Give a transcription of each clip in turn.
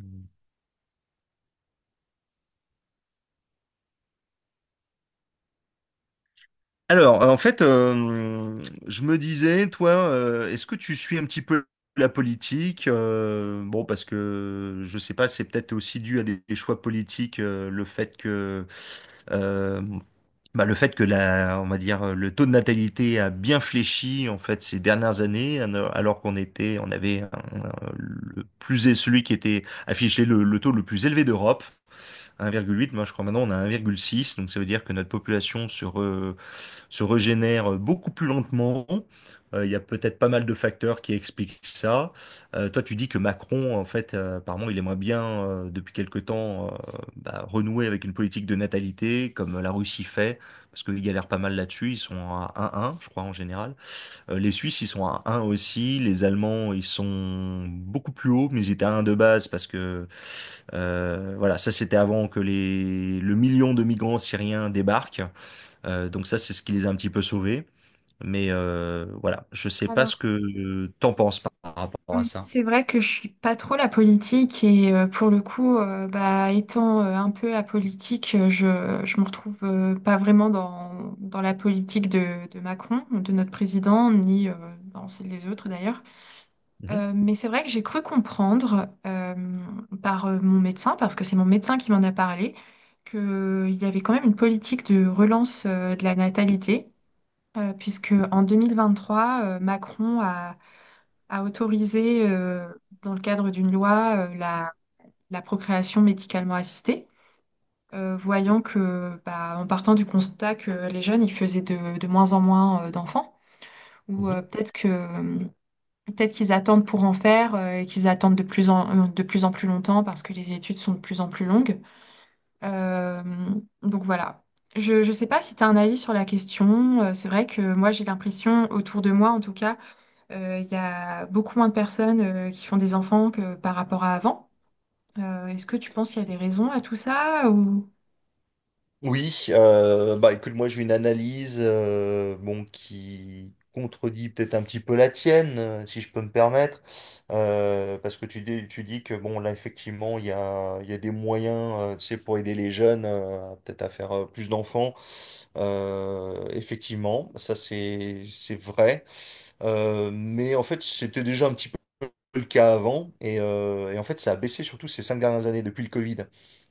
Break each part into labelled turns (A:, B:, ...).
A: Mm. Alors, en fait, je me disais, toi, est-ce que tu suis un petit peu la politique? Bon, parce que je sais pas, c'est peut-être aussi dû à des choix politiques, le fait que, euh, le fait que la, on va dire, le taux de natalité a bien fléchi en fait ces dernières années, alors qu'on était, on avait un- le plus celui qui était affiché le taux le plus élevé d'Europe, 1,8. Moi, je crois maintenant on a 1,6, donc ça veut dire que notre population se régénère beaucoup plus lentement. Il y a peut-être pas mal de facteurs qui expliquent ça. Toi, tu dis que Macron, en fait, apparemment, il aimerait bien, depuis quelque temps, renouer avec une politique de natalité, comme la Russie fait, parce qu'ils galèrent pas mal là-dessus. Ils sont à un, je crois, en général. Les Suisses, ils sont à un aussi. Les Allemands, ils sont beaucoup plus hauts, mais ils étaient à un de base, parce que, voilà, ça, c'était avant que le million de migrants syriens débarquent. Donc ça, c'est ce qui les a un petit peu sauvés. Mais voilà, je sais pas ce
B: Alors,
A: que t'en penses par rapport à ça.
B: c'est vrai que je suis pas trop la politique et pour le coup, bah, étant un peu apolitique, je me retrouve pas vraiment dans la politique de Macron, de notre président, ni dans celle des autres d'ailleurs.
A: Mhm.
B: Mais c'est vrai que j'ai cru comprendre par mon médecin, parce que c'est mon médecin qui m'en a parlé, qu'il y avait quand même une politique de relance de la natalité, puisque en 2023, Macron a à autoriser, dans le cadre d'une loi, la procréation médicalement assistée, voyant que, bah, en partant du constat que les jeunes, ils faisaient de moins en moins, d'enfants, ou
A: Mhm.
B: peut-être qu'ils attendent pour en faire, et qu'ils attendent de plus en plus longtemps parce que les études sont de plus en plus longues. Euh, donc voilà. Je ne sais pas si tu as un avis sur la question. C'est vrai que moi, j'ai l'impression, autour de moi en tout cas, il y a beaucoup moins de personnes qui font des enfants que par rapport à avant. Est-ce que tu penses qu'il y a des raisons à tout ça ou...
A: Oui, bah écoute, moi j'ai une analyse bon, qui contredit peut-être un petit peu la tienne, si je peux me permettre, parce que tu dis que bon là effectivement il y a des moyens tu sais, pour aider les jeunes peut-être à faire plus d'enfants. Effectivement, ça c'est vrai. Mais en fait, c'était déjà un petit peu le cas avant. Et en fait, ça a baissé surtout ces 5 dernières années depuis le Covid.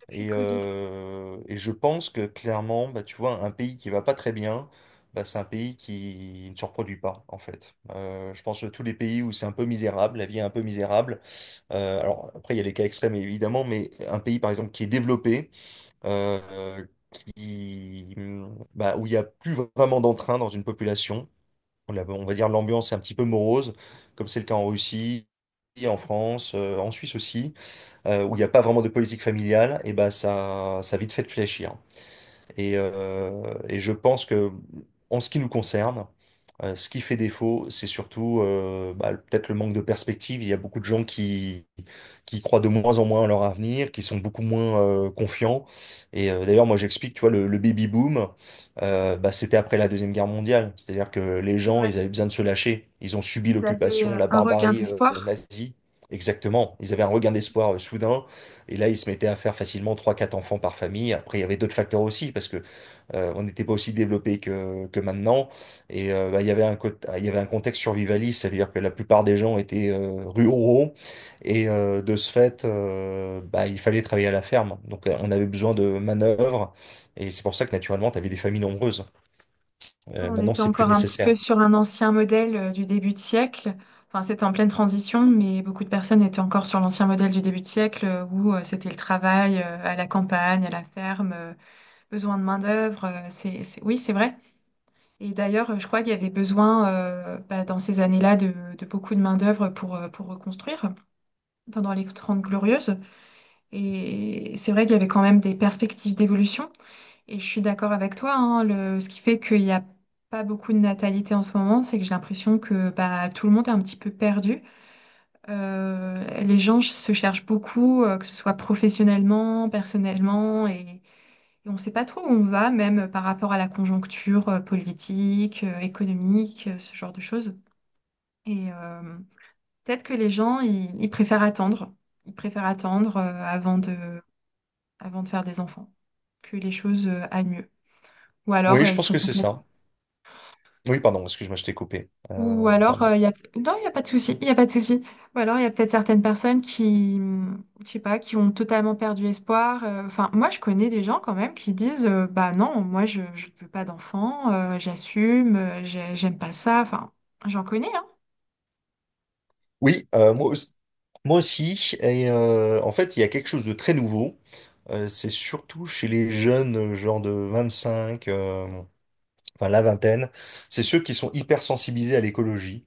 B: Depuis le Covid, oui,
A: Et je pense que clairement, bah, tu vois, un pays qui va pas très bien, bah, c'est un pays qui ne se reproduit pas, en fait. Je pense que tous les pays où c'est un peu misérable, la vie est un peu misérable. Alors après, il y a les cas extrêmes, évidemment, mais un pays, par exemple, qui est développé, euh, qui, bah, où il n'y a plus vraiment d'entrain dans une population, on va dire l'ambiance est un petit peu morose, comme c'est le cas en Russie, en France, en Suisse aussi, où il n'y a pas vraiment de politique familiale, et ben ça a vite fait de fléchir. Et je pense que, en ce qui nous concerne, ce qui fait défaut, c'est surtout bah, peut-être le manque de perspective. Il y a beaucoup de gens qui croient de moins en moins à leur avenir, qui sont beaucoup moins confiants. Et d'ailleurs, moi, j'explique, tu vois, le baby boom, bah, c'était après la Deuxième Guerre mondiale. C'est-à-dire que les
B: c'est
A: gens,
B: vrai.
A: ils avaient besoin de se lâcher. Ils ont subi
B: Ils avaient
A: l'occupation,
B: euh,
A: la
B: un regain
A: barbarie
B: d'espoir.
A: nazie. Exactement. Ils avaient un regain d'espoir soudain. Et là, ils se mettaient à faire facilement trois, quatre enfants par famille. Après, il y avait d'autres facteurs aussi, parce que on n'était pas aussi développé que maintenant. Et bah, il y avait il y avait un contexte survivaliste, ça veut dire que la plupart des gens étaient ruraux. Et de ce fait, bah, il fallait travailler à la ferme. Donc, on avait besoin de manœuvres. Et c'est pour ça que, naturellement, tu avais des familles nombreuses.
B: On
A: Maintenant,
B: était
A: c'est plus
B: encore un petit peu
A: nécessaire.
B: sur un ancien modèle du début de siècle. Enfin, c'était en pleine transition, mais beaucoup de personnes étaient encore sur l'ancien modèle du début de siècle, où c'était le travail à la campagne, à la ferme, besoin de main-d'œuvre. Oui, c'est vrai. Et d'ailleurs, je crois qu'il y avait besoin, bah, dans ces années-là de beaucoup de main-d'œuvre pour reconstruire pendant les Trente Glorieuses. Et c'est vrai qu'il y avait quand même des perspectives d'évolution. Et je suis d'accord avec toi, hein, ce qui fait qu'il n'y a pas beaucoup de natalité en ce moment, c'est que j'ai l'impression que bah, tout le monde est un petit peu perdu. Les gens se cherchent beaucoup, que ce soit professionnellement, personnellement, et on ne sait pas trop où on va, même par rapport à la conjoncture politique, économique, ce genre de choses. Et peut-être que les gens, ils préfèrent attendre. Ils préfèrent attendre avant de faire des enfants, que les choses aillent mieux. Ou alors,
A: Oui, je
B: ils
A: pense
B: sont
A: que c'est
B: complètement.
A: ça. Oui, pardon, excuse-moi, je t'ai coupé.
B: Ou
A: Euh,
B: alors,
A: pardon.
B: il y a... Non, il n'y a pas de souci, il y a pas de souci. Ou alors, il y a peut-être certaines personnes qui, je sais pas, qui ont totalement perdu espoir. Enfin, moi, je connais des gens quand même qui disent, bah non, moi, je ne veux pas d'enfant, j'assume, j'aime pas ça. Enfin, j'en connais, hein.
A: Oui, moi aussi. Et en fait, il y a quelque chose de très nouveau. C'est surtout chez les jeunes, genre de 25, enfin la vingtaine. C'est ceux qui sont hyper sensibilisés à l'écologie.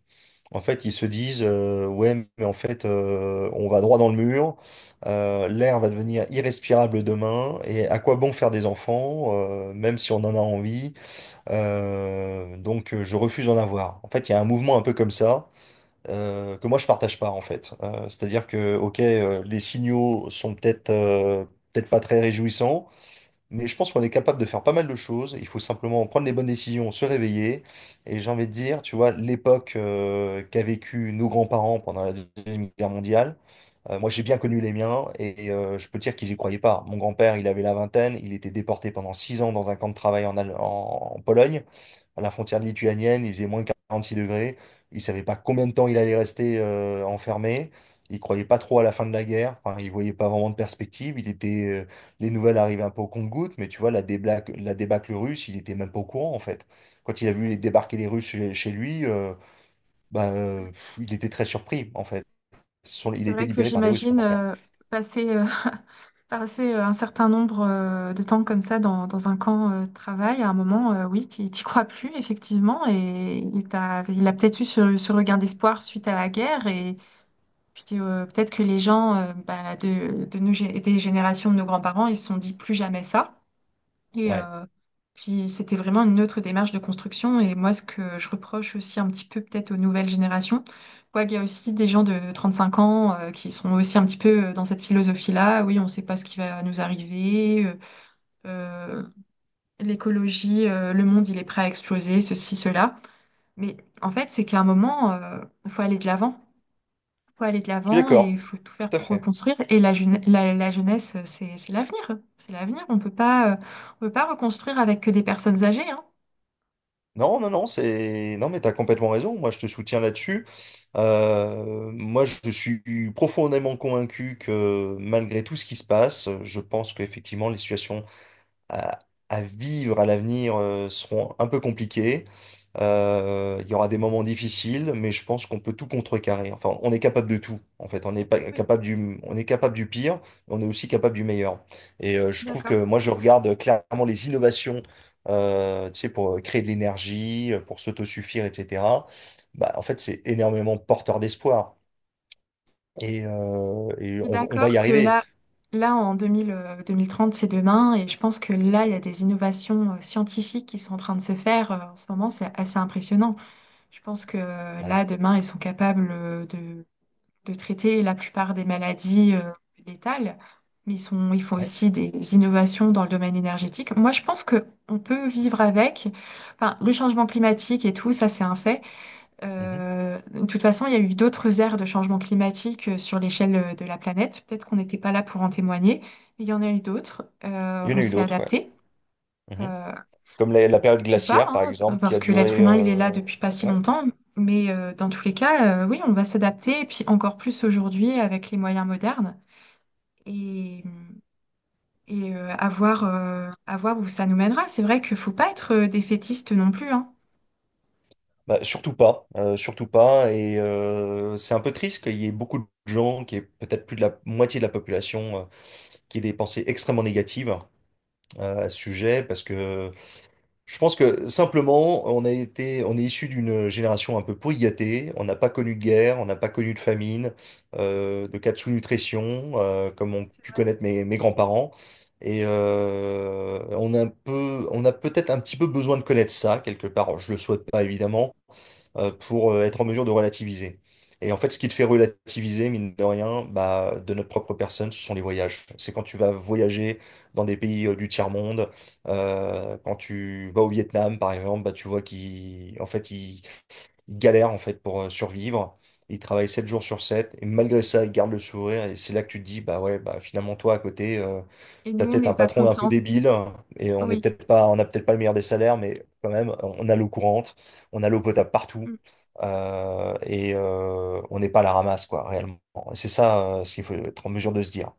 A: En fait, ils se disent, ouais, mais en fait, on va droit dans le mur. L'air va devenir irrespirable demain. Et à quoi bon faire des enfants, même si on en a envie. Donc, je refuse d'en avoir. En fait, il y a un mouvement un peu comme ça que moi je partage pas en fait. C'est-à-dire que ok, les signaux sont peut-être pas très réjouissants, mais je pense qu'on est capable de faire pas mal de choses. Il faut simplement prendre les bonnes décisions, se réveiller. Et j'ai envie de dire, tu vois, l'époque qu'a vécu nos grands-parents pendant la Deuxième Guerre mondiale, moi j'ai bien connu les miens et je peux te dire qu'ils y croyaient pas. Mon grand-père, il avait la vingtaine, il était déporté pendant 6 ans dans un camp de travail en Pologne, à la frontière lituanienne, il faisait moins de 46 degrés. Il savait pas combien de temps il allait rester enfermé. Il croyait pas trop à la fin de la guerre. Enfin, il voyait pas vraiment de perspective. Il était les nouvelles arrivaient un peu au compte-gouttes, mais tu vois, la débâcle russe, il était même pas au courant, en fait. Quand il a vu les débarquer les Russes chez lui, bah, il était très surpris, en fait. Il a
B: C'est
A: été
B: vrai que
A: libéré par des Russes, mon
B: j'imagine
A: grand-père.
B: euh, passer, passer un certain nombre de temps comme ça dans un camp de travail, à un moment, oui, tu t'y crois plus, effectivement, et il a peut-être eu ce regard d'espoir suite à la guerre, et puis peut-être que les gens, bah, de des générations de nos grands-parents, ils se sont dit plus jamais ça. Et
A: Ouais.
B: euh, puis c'était vraiment une autre démarche de construction. Et moi, ce que je reproche aussi un petit peu peut-être aux nouvelles générations, quoi qu'il y a aussi des gens de 35 ans qui sont aussi un petit peu dans cette philosophie-là. Oui, on ne sait pas ce qui va nous arriver. Euh, l'écologie, le monde, il est prêt à exploser, ceci, cela. Mais en fait, c'est qu'à un moment, il faut aller de l'avant faut aller de
A: Je suis
B: l'avant et il
A: d'accord.
B: faut tout faire
A: Tout à
B: pour
A: fait.
B: reconstruire. Et la jeunesse, c'est l'avenir. C'est l'avenir. On peut pas reconstruire avec que des personnes âgées, hein.
A: Non, non, non, non, mais t'as complètement raison. Moi, je te soutiens là-dessus. Moi, je suis profondément convaincu que malgré tout ce qui se passe, je pense qu'effectivement, les situations à, à vivre à l'avenir seront un peu compliquées. Il y aura des moments difficiles, mais je pense qu'on peut tout contrecarrer. Enfin, on est capable de tout, en fait. On est pas
B: Oui,
A: capable du, on est capable du pire, mais on est aussi capable du meilleur. Et je trouve que
B: d'accord.
A: moi, je regarde clairement les innovations, tu sais, pour créer de l'énergie, pour s'autosuffire, etc. Bah, en fait, c'est énormément porteur d'espoir. Et
B: Je suis
A: on va
B: d'accord
A: y
B: que
A: arriver.
B: là, en 2000, 2030, c'est demain. Et je pense que là, il y a des innovations scientifiques qui sont en train de se faire. En ce moment, c'est assez impressionnant. Je pense que
A: Ouais.
B: là, demain, ils sont capables de traiter la plupart des maladies létales, mais il faut
A: Ouais.
B: aussi des innovations dans le domaine énergétique. Moi, je pense que on peut vivre avec. Enfin, le changement climatique et tout, ça, c'est un fait.
A: Mhm.
B: De toute façon, il y a eu d'autres ères de changement climatique sur l'échelle de la planète. Peut-être qu'on n'était pas là pour en témoigner, mais il y en a eu d'autres. Euh,
A: Il y en
B: on
A: a eu
B: s'est
A: d'autres, ouais.
B: adapté.
A: Mhm.
B: Euh,
A: Comme la période
B: ou pas,
A: glaciaire, par
B: hein,
A: exemple, qui
B: parce
A: a
B: que l'être
A: duré...
B: humain, il est là depuis pas si
A: Ouais,
B: longtemps. Mais dans tous les cas, oui, on va s'adapter, et puis encore plus aujourd'hui avec les moyens modernes, et, et à voir où ça nous mènera. C'est vrai qu'il faut pas être défaitiste non plus, hein.
A: bah, surtout pas, surtout pas. Et c'est un peu triste qu'il y ait beaucoup de gens, qui est peut-être plus de la moitié de la population, qui aient des pensées extrêmement négatives à ce sujet, parce que je pense que simplement, on a été, on est issu d'une génération un peu pourrigatée. On n'a pas connu de guerre, on n'a pas connu de famine, de cas de sous-nutrition, comme ont
B: C'est
A: pu
B: vrai.
A: connaître mes grands-parents. Et on a un peu, on a peut-être un petit peu besoin de connaître ça quelque part. Je le souhaite pas évidemment,
B: Oui.
A: pour être en mesure de relativiser. Et en fait, ce qui te fait relativiser, mine de rien, bah, de notre propre personne, ce sont les voyages. C'est quand tu vas voyager dans des pays du tiers-monde, quand tu vas au Vietnam, par exemple, bah, tu vois qu'ils, en fait, ils galèrent en fait pour survivre. Ils travaillent 7 jours sur 7 et malgré ça, ils gardent le sourire. Et c'est là que tu te dis, bah ouais, bah finalement, toi, à côté,
B: Et
A: t'as
B: nous, on
A: peut-être
B: n'est
A: un
B: pas
A: patron un peu
B: contents.
A: débile et on n'est
B: Oui.
A: peut-être pas, on n'a peut-être pas le meilleur des salaires, mais quand même, on a l'eau courante, on a l'eau potable partout
B: Mm.
A: et on n'est pas à la ramasse, quoi, réellement. Et c'est ça ce qu'il faut être en mesure de se dire.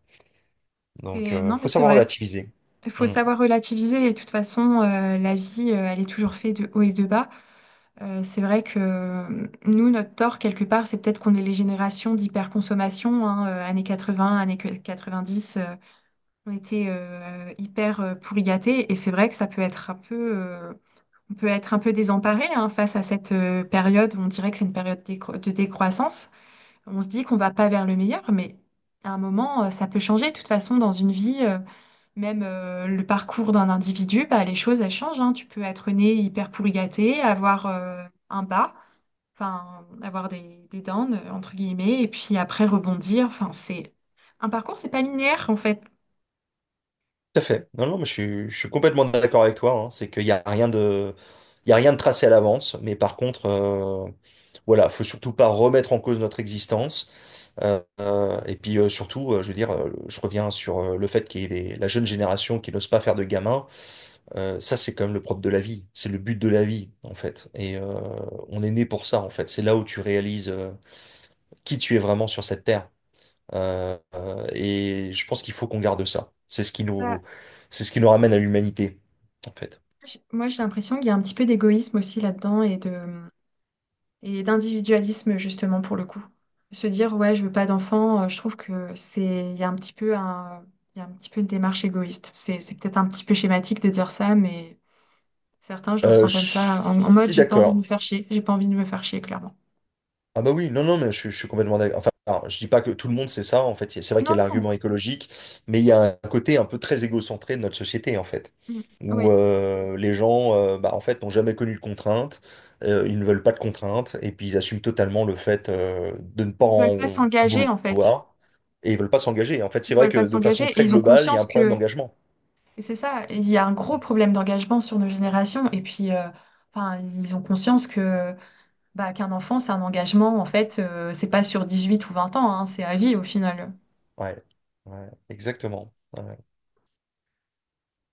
A: Donc,
B: Non, mais
A: faut
B: c'est
A: savoir
B: vrai.
A: relativiser.
B: Il faut
A: Mmh.
B: savoir relativiser. Et de toute façon, la vie, elle est toujours faite de haut et de bas. C'est vrai que nous, notre tort, quelque part, c'est peut-être qu'on est les générations d'hyperconsommation, hein, années 80, années dix on était hyper pourri gâtés, et c'est vrai que ça peut être un peu, on peut être un peu désemparé hein, face à cette période où on dirait que c'est une période de décroissance. On se dit qu'on va pas vers le meilleur, mais à un moment, ça peut changer. De toute façon, dans une vie, même le parcours d'un individu, bah, les choses, elles changent, hein. Tu peux être né hyper pourri gâté, avoir un bas, enfin, avoir des downs, entre guillemets, et puis après rebondir. Enfin, c'est un parcours, c'est pas linéaire en fait.
A: Tout à fait. Non, non, mais je suis complètement d'accord avec toi. Hein. C'est qu'il n'y a rien de, il y a rien de tracé à l'avance. Mais par contre, voilà, faut surtout pas remettre en cause notre existence. Et puis surtout, je veux dire, je reviens sur le fait qu'il y ait la jeune génération qui n'ose pas faire de gamin. Ça, c'est quand même le propre de la vie. C'est le but de la vie, en fait. Et on est né pour ça, en fait. C'est là où tu réalises qui tu es vraiment sur cette terre. Et je pense qu'il faut qu'on garde ça.
B: Bah,
A: C'est ce qui nous ramène à l'humanité, en fait.
B: moi, j'ai l'impression qu'il y a un petit peu d'égoïsme aussi là-dedans et d'individualisme justement pour le coup. Se dire, ouais, je veux pas d'enfant, je trouve que c'est, il y a un petit peu un, il y a un petit peu une démarche égoïste. C'est peut-être un petit peu schématique de dire ça, mais certains, je le ressens
A: Je
B: comme ça, en mode,
A: suis
B: j'ai pas envie de me
A: d'accord.
B: faire chier, j'ai pas envie de me faire chier, clairement.
A: Ah bah oui, non, non, mais je suis complètement d'accord. Enfin, alors, je dis pas que tout le monde sait ça, en fait. C'est vrai
B: Non,
A: qu'il y a
B: non,
A: l'argument écologique, mais il y a un côté un peu très égocentré de notre société, en fait,
B: mm,
A: où
B: ouais,
A: les gens, bah, en fait, n'ont jamais connu de contraintes, ils ne veulent pas de contraintes, et puis ils assument totalement le fait de ne pas
B: ils veulent pas
A: en
B: s'engager en fait.
A: vouloir, et ils veulent pas s'engager. En fait, c'est
B: Ils
A: vrai
B: veulent
A: que
B: pas
A: de
B: s'engager
A: façon
B: et
A: très
B: ils ont
A: globale, il y a
B: conscience
A: un problème
B: que
A: d'engagement.
B: et c'est ça, il y a un gros problème d'engagement sur nos générations et puis enfin ils ont conscience que bah qu'un enfant c'est un engagement en fait, c'est pas sur 18 ou 20 ans hein, c'est à vie au final.
A: Ouais, ouais, exactement. Ouais.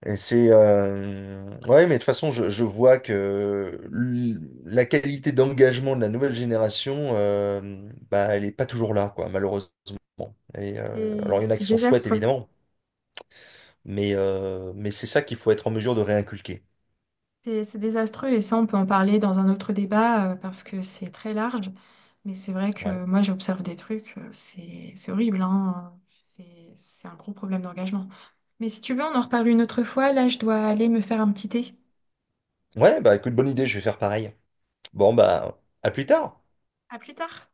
A: Et c'est ouais, mais de toute façon, je vois que la qualité d'engagement de la nouvelle génération, bah, elle est pas toujours là, quoi, malheureusement. Et
B: Et
A: alors, il y en a
B: c'est
A: qui sont chouettes,
B: désastreux.
A: évidemment, mais mais c'est ça qu'il faut être en mesure de réinculquer.
B: C'est désastreux et ça on peut en parler dans un autre débat, parce que c'est très large mais c'est vrai
A: Ouais.
B: que moi j'observe des trucs, c'est horrible hein. C'est un gros problème d'engagement. Mais si tu veux on en reparle une autre fois, là je dois aller me faire un petit thé.
A: Ouais, bah écoute, bonne idée, je vais faire pareil. Bon, bah à plus tard.
B: À plus tard.